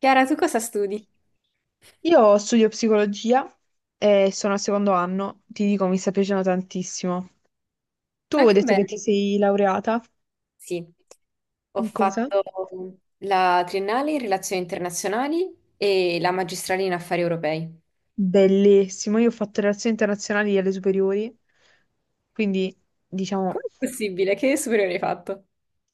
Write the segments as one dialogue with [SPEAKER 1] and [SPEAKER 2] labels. [SPEAKER 1] Chiara, tu cosa studi?
[SPEAKER 2] Io studio psicologia e sono al secondo anno, ti dico, mi sta piacendo tantissimo. Tu
[SPEAKER 1] Ah,
[SPEAKER 2] hai
[SPEAKER 1] che
[SPEAKER 2] detto che
[SPEAKER 1] bello.
[SPEAKER 2] ti sei laureata
[SPEAKER 1] Sì, ho
[SPEAKER 2] in cosa?
[SPEAKER 1] fatto la triennale in relazioni internazionali e la magistrale in affari europei.
[SPEAKER 2] Bellissimo, io ho fatto relazioni internazionali alle superiori, quindi diciamo
[SPEAKER 1] Com'è possibile? Che superiore hai fatto?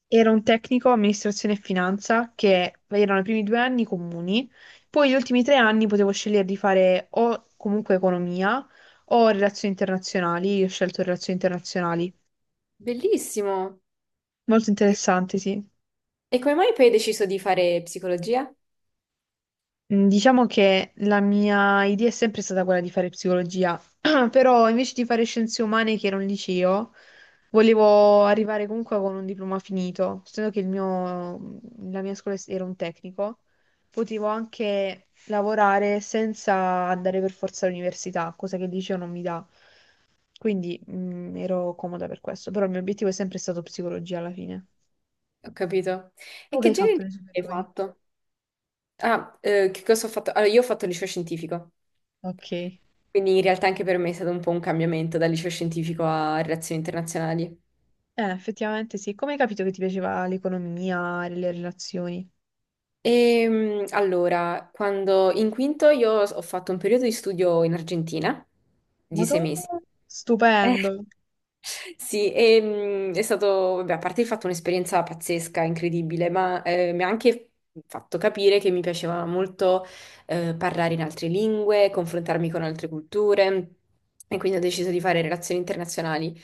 [SPEAKER 2] era un tecnico amministrazione e finanza che erano i primi 2 anni comuni, poi gli ultimi 3 anni potevo scegliere di fare o comunque economia o relazioni internazionali, io ho scelto relazioni internazionali.
[SPEAKER 1] Bellissimo.
[SPEAKER 2] Molto
[SPEAKER 1] E,
[SPEAKER 2] interessante, sì.
[SPEAKER 1] e come mai poi hai deciso di fare psicologia?
[SPEAKER 2] Diciamo che la mia idea è sempre stata quella di fare psicologia, però invece di fare scienze umane, che era un liceo, volevo arrivare comunque con un diploma finito, essendo che il mio- la mia scuola era un tecnico, potevo anche lavorare senza andare per forza all'università, cosa che il liceo non mi dà. Quindi, ero comoda per questo, però il mio obiettivo è sempre stato psicologia alla fine.
[SPEAKER 1] Ho capito. E
[SPEAKER 2] Tu che
[SPEAKER 1] che
[SPEAKER 2] hai
[SPEAKER 1] genere
[SPEAKER 2] fatto
[SPEAKER 1] di
[SPEAKER 2] le
[SPEAKER 1] hai
[SPEAKER 2] superiori?
[SPEAKER 1] fatto? Ah, che cosa ho fatto? Allora, io ho fatto il liceo scientifico,
[SPEAKER 2] Ok.
[SPEAKER 1] quindi in realtà anche per me è stato un po' un cambiamento dal liceo scientifico a relazioni internazionali.
[SPEAKER 2] Effettivamente sì. Come hai capito che ti piaceva l'economia, le relazioni?
[SPEAKER 1] Allora, quando in quinto io ho fatto un periodo di studio in Argentina di
[SPEAKER 2] Ma tu?
[SPEAKER 1] 6 mesi.
[SPEAKER 2] Stupendo.
[SPEAKER 1] Sì, e, è stato, vabbè, a parte il fatto un'esperienza pazzesca, incredibile, ma mi ha anche fatto capire che mi piaceva molto parlare in altre lingue, confrontarmi con altre culture e quindi ho deciso di fare relazioni internazionali.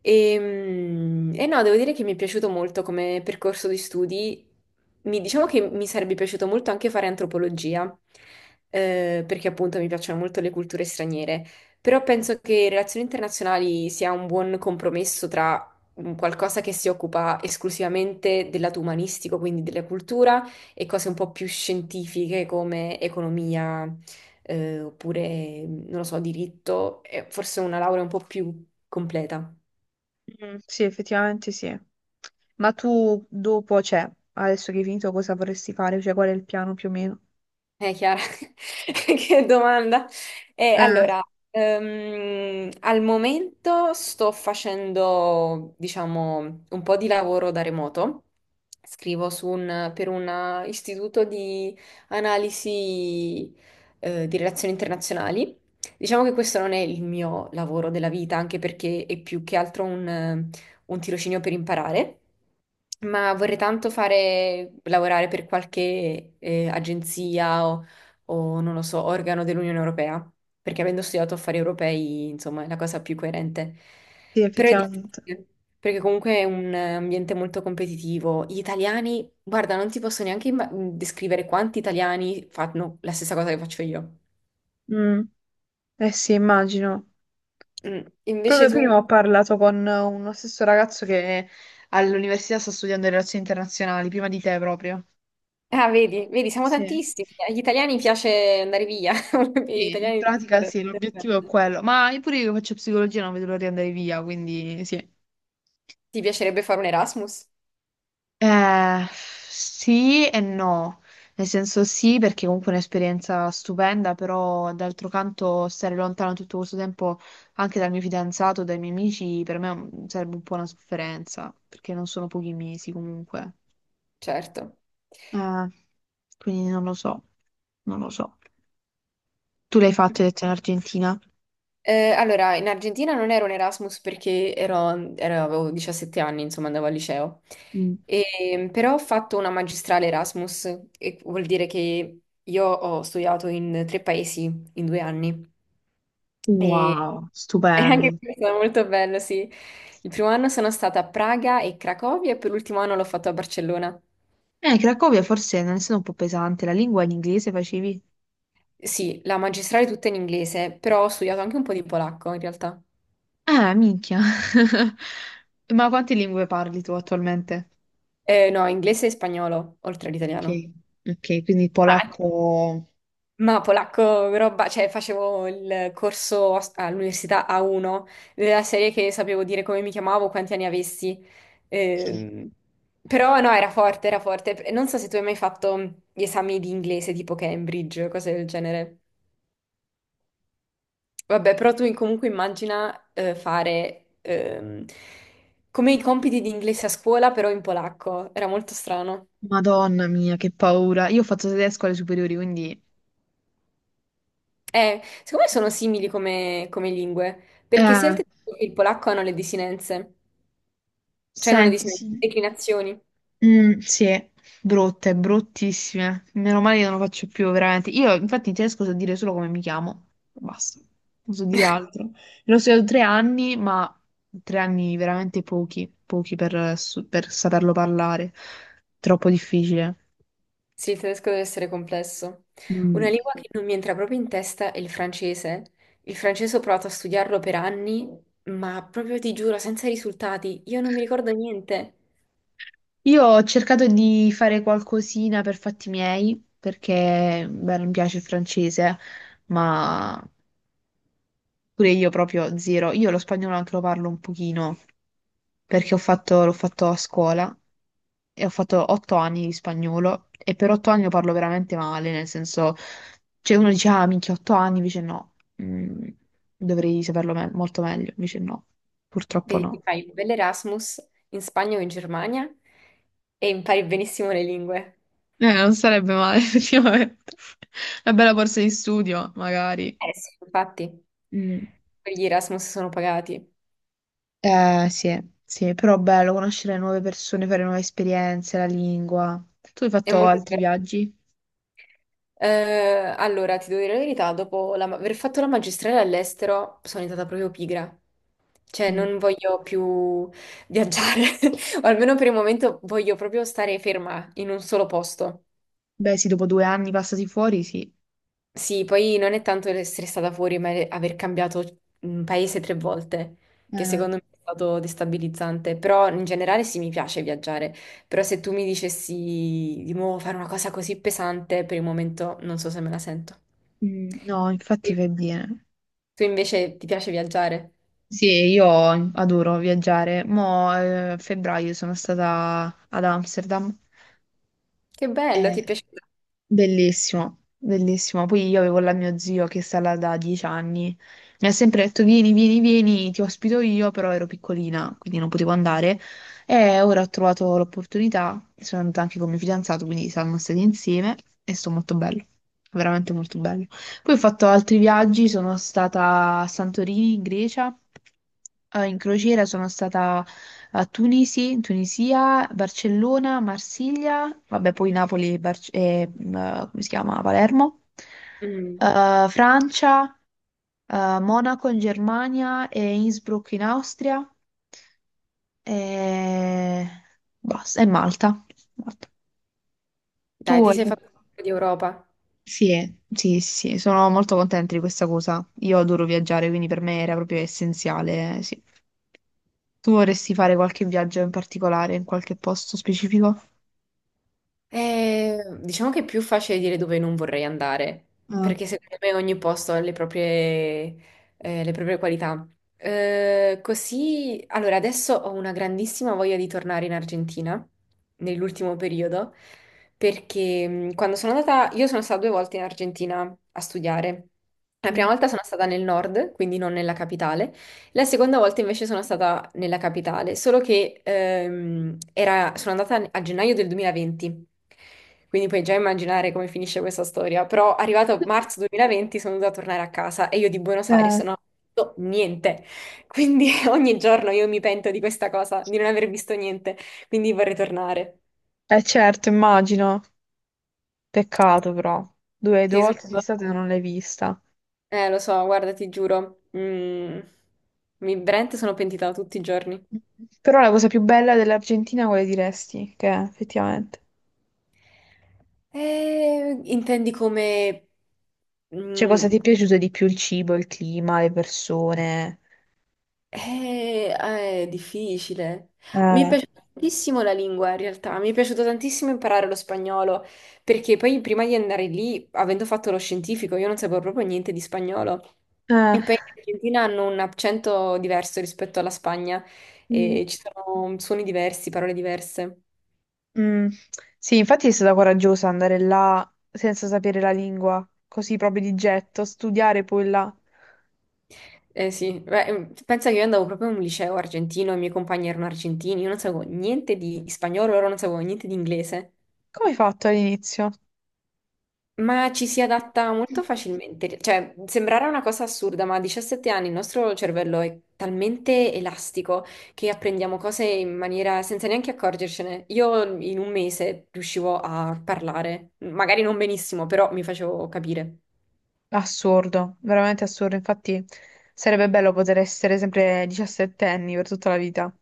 [SPEAKER 1] E no, devo dire che mi è piaciuto molto come percorso di studi. Diciamo che mi sarebbe piaciuto molto anche fare antropologia, perché appunto mi piacciono molto le culture straniere. Però penso che relazioni internazionali sia un buon compromesso tra un qualcosa che si occupa esclusivamente del lato umanistico, quindi della cultura, e cose un po' più scientifiche come economia, oppure, non lo so, diritto, e forse una laurea un po' più completa.
[SPEAKER 2] Mm, sì, effettivamente sì. Ma tu dopo, cioè, adesso che hai finito, cosa vorresti fare? Cioè, qual è il piano più o meno?
[SPEAKER 1] Chiara, che domanda.
[SPEAKER 2] Eh,
[SPEAKER 1] Allora, al momento sto facendo, diciamo, un po' di lavoro da remoto. Scrivo su per un istituto di analisi, di relazioni internazionali. Diciamo che questo non è il mio lavoro della vita, anche perché è più che altro un tirocinio per imparare, ma vorrei tanto fare, lavorare per qualche agenzia o non lo so, organo dell'Unione Europea, perché avendo studiato affari europei, insomma, è la cosa più coerente.
[SPEAKER 2] sì,
[SPEAKER 1] Però è
[SPEAKER 2] effettivamente.
[SPEAKER 1] difficile, perché comunque è un ambiente molto competitivo. Gli italiani, guarda, non ti posso neanche descrivere quanti italiani fanno la stessa cosa che faccio io.
[SPEAKER 2] Mm, eh sì, immagino. Proprio
[SPEAKER 1] Invece
[SPEAKER 2] prima
[SPEAKER 1] tu...
[SPEAKER 2] ho parlato con uno stesso ragazzo che all'università sta studiando relazioni internazionali, prima di te proprio.
[SPEAKER 1] Ah, vedi, vedi, siamo
[SPEAKER 2] Sì.
[SPEAKER 1] tantissimi. Agli italiani piace andare via. Agli
[SPEAKER 2] Sì, in
[SPEAKER 1] italiani piace
[SPEAKER 2] pratica
[SPEAKER 1] fare-
[SPEAKER 2] sì, l'obiettivo è quello. Ma io pure io che faccio psicologia non vedo l'ora di andare via, quindi sì.
[SPEAKER 1] Ti piacerebbe fare un Erasmus?
[SPEAKER 2] Sì e no, nel senso sì perché comunque è un'esperienza stupenda, però d'altro canto stare lontano tutto questo tempo anche dal mio fidanzato, dai miei amici, per me è un- sarebbe un po' una sofferenza, perché non sono pochi mesi comunque.
[SPEAKER 1] Certo.
[SPEAKER 2] Eh, quindi non lo so, non lo so. Tu l'hai fatto, hai detto in Argentina?
[SPEAKER 1] Allora, in Argentina non ero un Erasmus perché avevo 17 anni, insomma, andavo al liceo.
[SPEAKER 2] Mm.
[SPEAKER 1] E, però ho fatto una magistrale Erasmus, e vuol dire che io ho studiato in 3 paesi in 2 anni. E,
[SPEAKER 2] Wow,
[SPEAKER 1] e anche
[SPEAKER 2] stupendo.
[SPEAKER 1] questo è stato molto bello, sì. Il primo anno sono stata a Praga e Cracovia e per l'ultimo anno l'ho fatto a Barcellona.
[SPEAKER 2] Cracovia forse non è stata un po' pesante, la lingua in inglese facevi?
[SPEAKER 1] Sì, la magistrale tutta in inglese, però ho studiato anche un po' di polacco in realtà.
[SPEAKER 2] Ah, minchia. Ma quante lingue parli tu attualmente?
[SPEAKER 1] No, inglese e spagnolo, oltre
[SPEAKER 2] Ok,
[SPEAKER 1] all'italiano.
[SPEAKER 2] ok, quindi
[SPEAKER 1] Ah.
[SPEAKER 2] polacco.
[SPEAKER 1] Ma polacco, roba, cioè facevo il corso all'università A1, della serie che sapevo dire come mi chiamavo, quanti anni avessi.
[SPEAKER 2] Ok.
[SPEAKER 1] Ehm, però no, era forte, era forte. Non so se tu hai mai fatto gli esami di inglese tipo Cambridge, cose del genere. Vabbè, però tu comunque immagina fare come i compiti di inglese a scuola, però in polacco. Era molto strano.
[SPEAKER 2] Madonna mia, che paura. Io ho fatto tedesco alle superiori, quindi...
[SPEAKER 1] Secondo me sono simili come lingue, perché sia il
[SPEAKER 2] Eh,
[SPEAKER 1] tedesco che il polacco hanno le desinenze. Cioè non ne dis-
[SPEAKER 2] senti, sì.
[SPEAKER 1] declinazioni.
[SPEAKER 2] Mm, sì, brutte, bruttissime. Meno male che non lo faccio più, veramente. Io, infatti, in tedesco so dire solo come mi chiamo. Basta, non so dire altro. L'ho studiato 3 anni, ma 3 anni veramente pochi, pochi per, su- per saperlo parlare. Troppo difficile.
[SPEAKER 1] Sì, il tedesco deve essere complesso. Una
[SPEAKER 2] Mm.
[SPEAKER 1] lingua che non mi entra proprio in testa è il francese. Il francese ho provato a studiarlo per anni, ma proprio ti giuro, senza risultati, io non mi ricordo niente.
[SPEAKER 2] Io ho cercato di fare qualcosina per fatti miei, perché, beh, non mi piace il francese, ma pure io proprio zero. Io lo spagnolo anche lo parlo un pochino. Perché ho fatto- l'ho fatto a scuola e ho fatto 8 anni di spagnolo e per 8 anni lo parlo veramente male, nel senso, cioè uno dice, ah, minchia, 8 anni, invece no, Mm, dovrei saperlo me- molto meglio, invece no, purtroppo
[SPEAKER 1] Vedi, ti
[SPEAKER 2] no.
[SPEAKER 1] fai un bell'Erasmus in Spagna o in Germania e impari benissimo le lingue.
[SPEAKER 2] Non sarebbe male, effettivamente. Una bella borsa di studio, magari.
[SPEAKER 1] Eh sì, infatti,
[SPEAKER 2] Mm.
[SPEAKER 1] quegli Erasmus sono pagati.
[SPEAKER 2] Sì, sì, però bello conoscere nuove persone, fare nuove esperienze, la lingua. Tu hai
[SPEAKER 1] È
[SPEAKER 2] fatto
[SPEAKER 1] molto
[SPEAKER 2] altri
[SPEAKER 1] divertente.
[SPEAKER 2] viaggi?
[SPEAKER 1] Allora, ti devo dire la verità, dopo aver fatto la magistrale all'estero sono diventata proprio pigra. Cioè,
[SPEAKER 2] Mm.
[SPEAKER 1] non voglio più viaggiare, o almeno per il momento voglio proprio stare ferma in un solo posto.
[SPEAKER 2] Beh, sì, dopo 2 anni passati fuori, sì.
[SPEAKER 1] Sì, poi non è tanto essere stata fuori, ma è aver cambiato paese 3 volte, che
[SPEAKER 2] Eh,
[SPEAKER 1] secondo me è stato destabilizzante. Però in generale sì, mi piace viaggiare. Però se tu mi dicessi di nuovo fare una cosa così pesante, per il momento non so se me la sento.
[SPEAKER 2] mm, no, infatti fai bene.
[SPEAKER 1] Tu invece ti piace viaggiare?
[SPEAKER 2] Sì, io adoro viaggiare. Mo', a febbraio sono stata ad Amsterdam.
[SPEAKER 1] Che bello, ti piace...
[SPEAKER 2] Bellissimo, bellissimo. Poi io avevo la mio zio che sta là da 10 anni. Mi ha sempre detto: Vieni, vieni, vieni, ti ospito io, però ero piccolina, quindi non potevo andare. E ora ho trovato l'opportunità. Sono andata anche con mio fidanzato, quindi siamo stati insieme e sto molto bello, veramente molto bello. Poi ho fatto altri viaggi, sono stata a Santorini, in Grecia, in crociera, sono stata a Tunisi, in Tunisia, Barcellona, Marsiglia, vabbè, poi Napoli Barc- e, come si chiama? Palermo,
[SPEAKER 1] Mm.
[SPEAKER 2] Francia, Monaco in Germania e Innsbruck in Austria e basta, e Malta. Malta. Tu
[SPEAKER 1] Dai, ti
[SPEAKER 2] hai
[SPEAKER 1] sei fatto
[SPEAKER 2] fatto-
[SPEAKER 1] un po' di Europa.
[SPEAKER 2] Sì, sì, sì, sono molto contenta di questa cosa. Io adoro viaggiare, quindi per me era proprio essenziale, sì. Tu vorresti fare qualche viaggio in particolare, in qualche posto specifico?
[SPEAKER 1] Diciamo che è più facile dire dove non vorrei andare, perché secondo me ogni posto ha le proprie qualità. Così, allora, adesso ho una grandissima voglia di tornare in Argentina, nell'ultimo periodo, perché quando sono andata, io sono stata 2 volte in Argentina a studiare. La prima
[SPEAKER 2] Mm.
[SPEAKER 1] volta sono stata nel nord, quindi non nella capitale. La seconda volta invece sono stata nella capitale, solo che sono andata a gennaio del 2020, quindi puoi già immaginare come finisce questa storia, però arrivato a marzo 2020 sono dovuta tornare a casa e io di Buenos Aires
[SPEAKER 2] Eh,
[SPEAKER 1] non ho visto niente, quindi ogni giorno io mi pento di questa cosa, di non aver visto niente, quindi vorrei tornare.
[SPEAKER 2] eh certo, immagino. Peccato però. Due
[SPEAKER 1] Sì, sono
[SPEAKER 2] volte sei
[SPEAKER 1] stata-
[SPEAKER 2] stata e non l'hai vista.
[SPEAKER 1] Lo so, guarda, ti giuro, mi veramente sono pentita tutti i giorni.
[SPEAKER 2] Però la cosa più bella dell'Argentina quale diresti che è, effettivamente?
[SPEAKER 1] Intendi come...
[SPEAKER 2] Cioè, cosa ti
[SPEAKER 1] mm,
[SPEAKER 2] è piaciuto di più? Il cibo, il clima, le persone?
[SPEAKER 1] ah, è difficile. Mi è
[SPEAKER 2] eh,
[SPEAKER 1] piaciuta tantissimo la lingua, in realtà. Mi è piaciuto tantissimo imparare lo spagnolo, perché poi prima di andare lì, avendo fatto lo scientifico, io non sapevo proprio niente di spagnolo.
[SPEAKER 2] Eh,
[SPEAKER 1] E poi in Argentina hanno un accento diverso rispetto alla Spagna,
[SPEAKER 2] mm,
[SPEAKER 1] e ci sono suoni diversi, parole diverse.
[SPEAKER 2] mm. Sì, infatti è stata coraggiosa andare là senza sapere la lingua, così proprio di getto, studiare poi là.
[SPEAKER 1] Eh sì, beh, pensa che io andavo proprio in un liceo argentino, i miei compagni erano argentini, io non sapevo niente di spagnolo, loro non sapevano niente di inglese,
[SPEAKER 2] Come hai fatto all'inizio?
[SPEAKER 1] ma ci si adatta molto facilmente, cioè sembrerà una cosa assurda, ma a 17 anni il nostro cervello è talmente elastico che apprendiamo cose in maniera senza neanche accorgercene. Io in un mese riuscivo a parlare, magari non benissimo, però mi facevo capire.
[SPEAKER 2] Assurdo, veramente assurdo. Infatti sarebbe bello poter essere sempre diciassettenni per tutta la vita.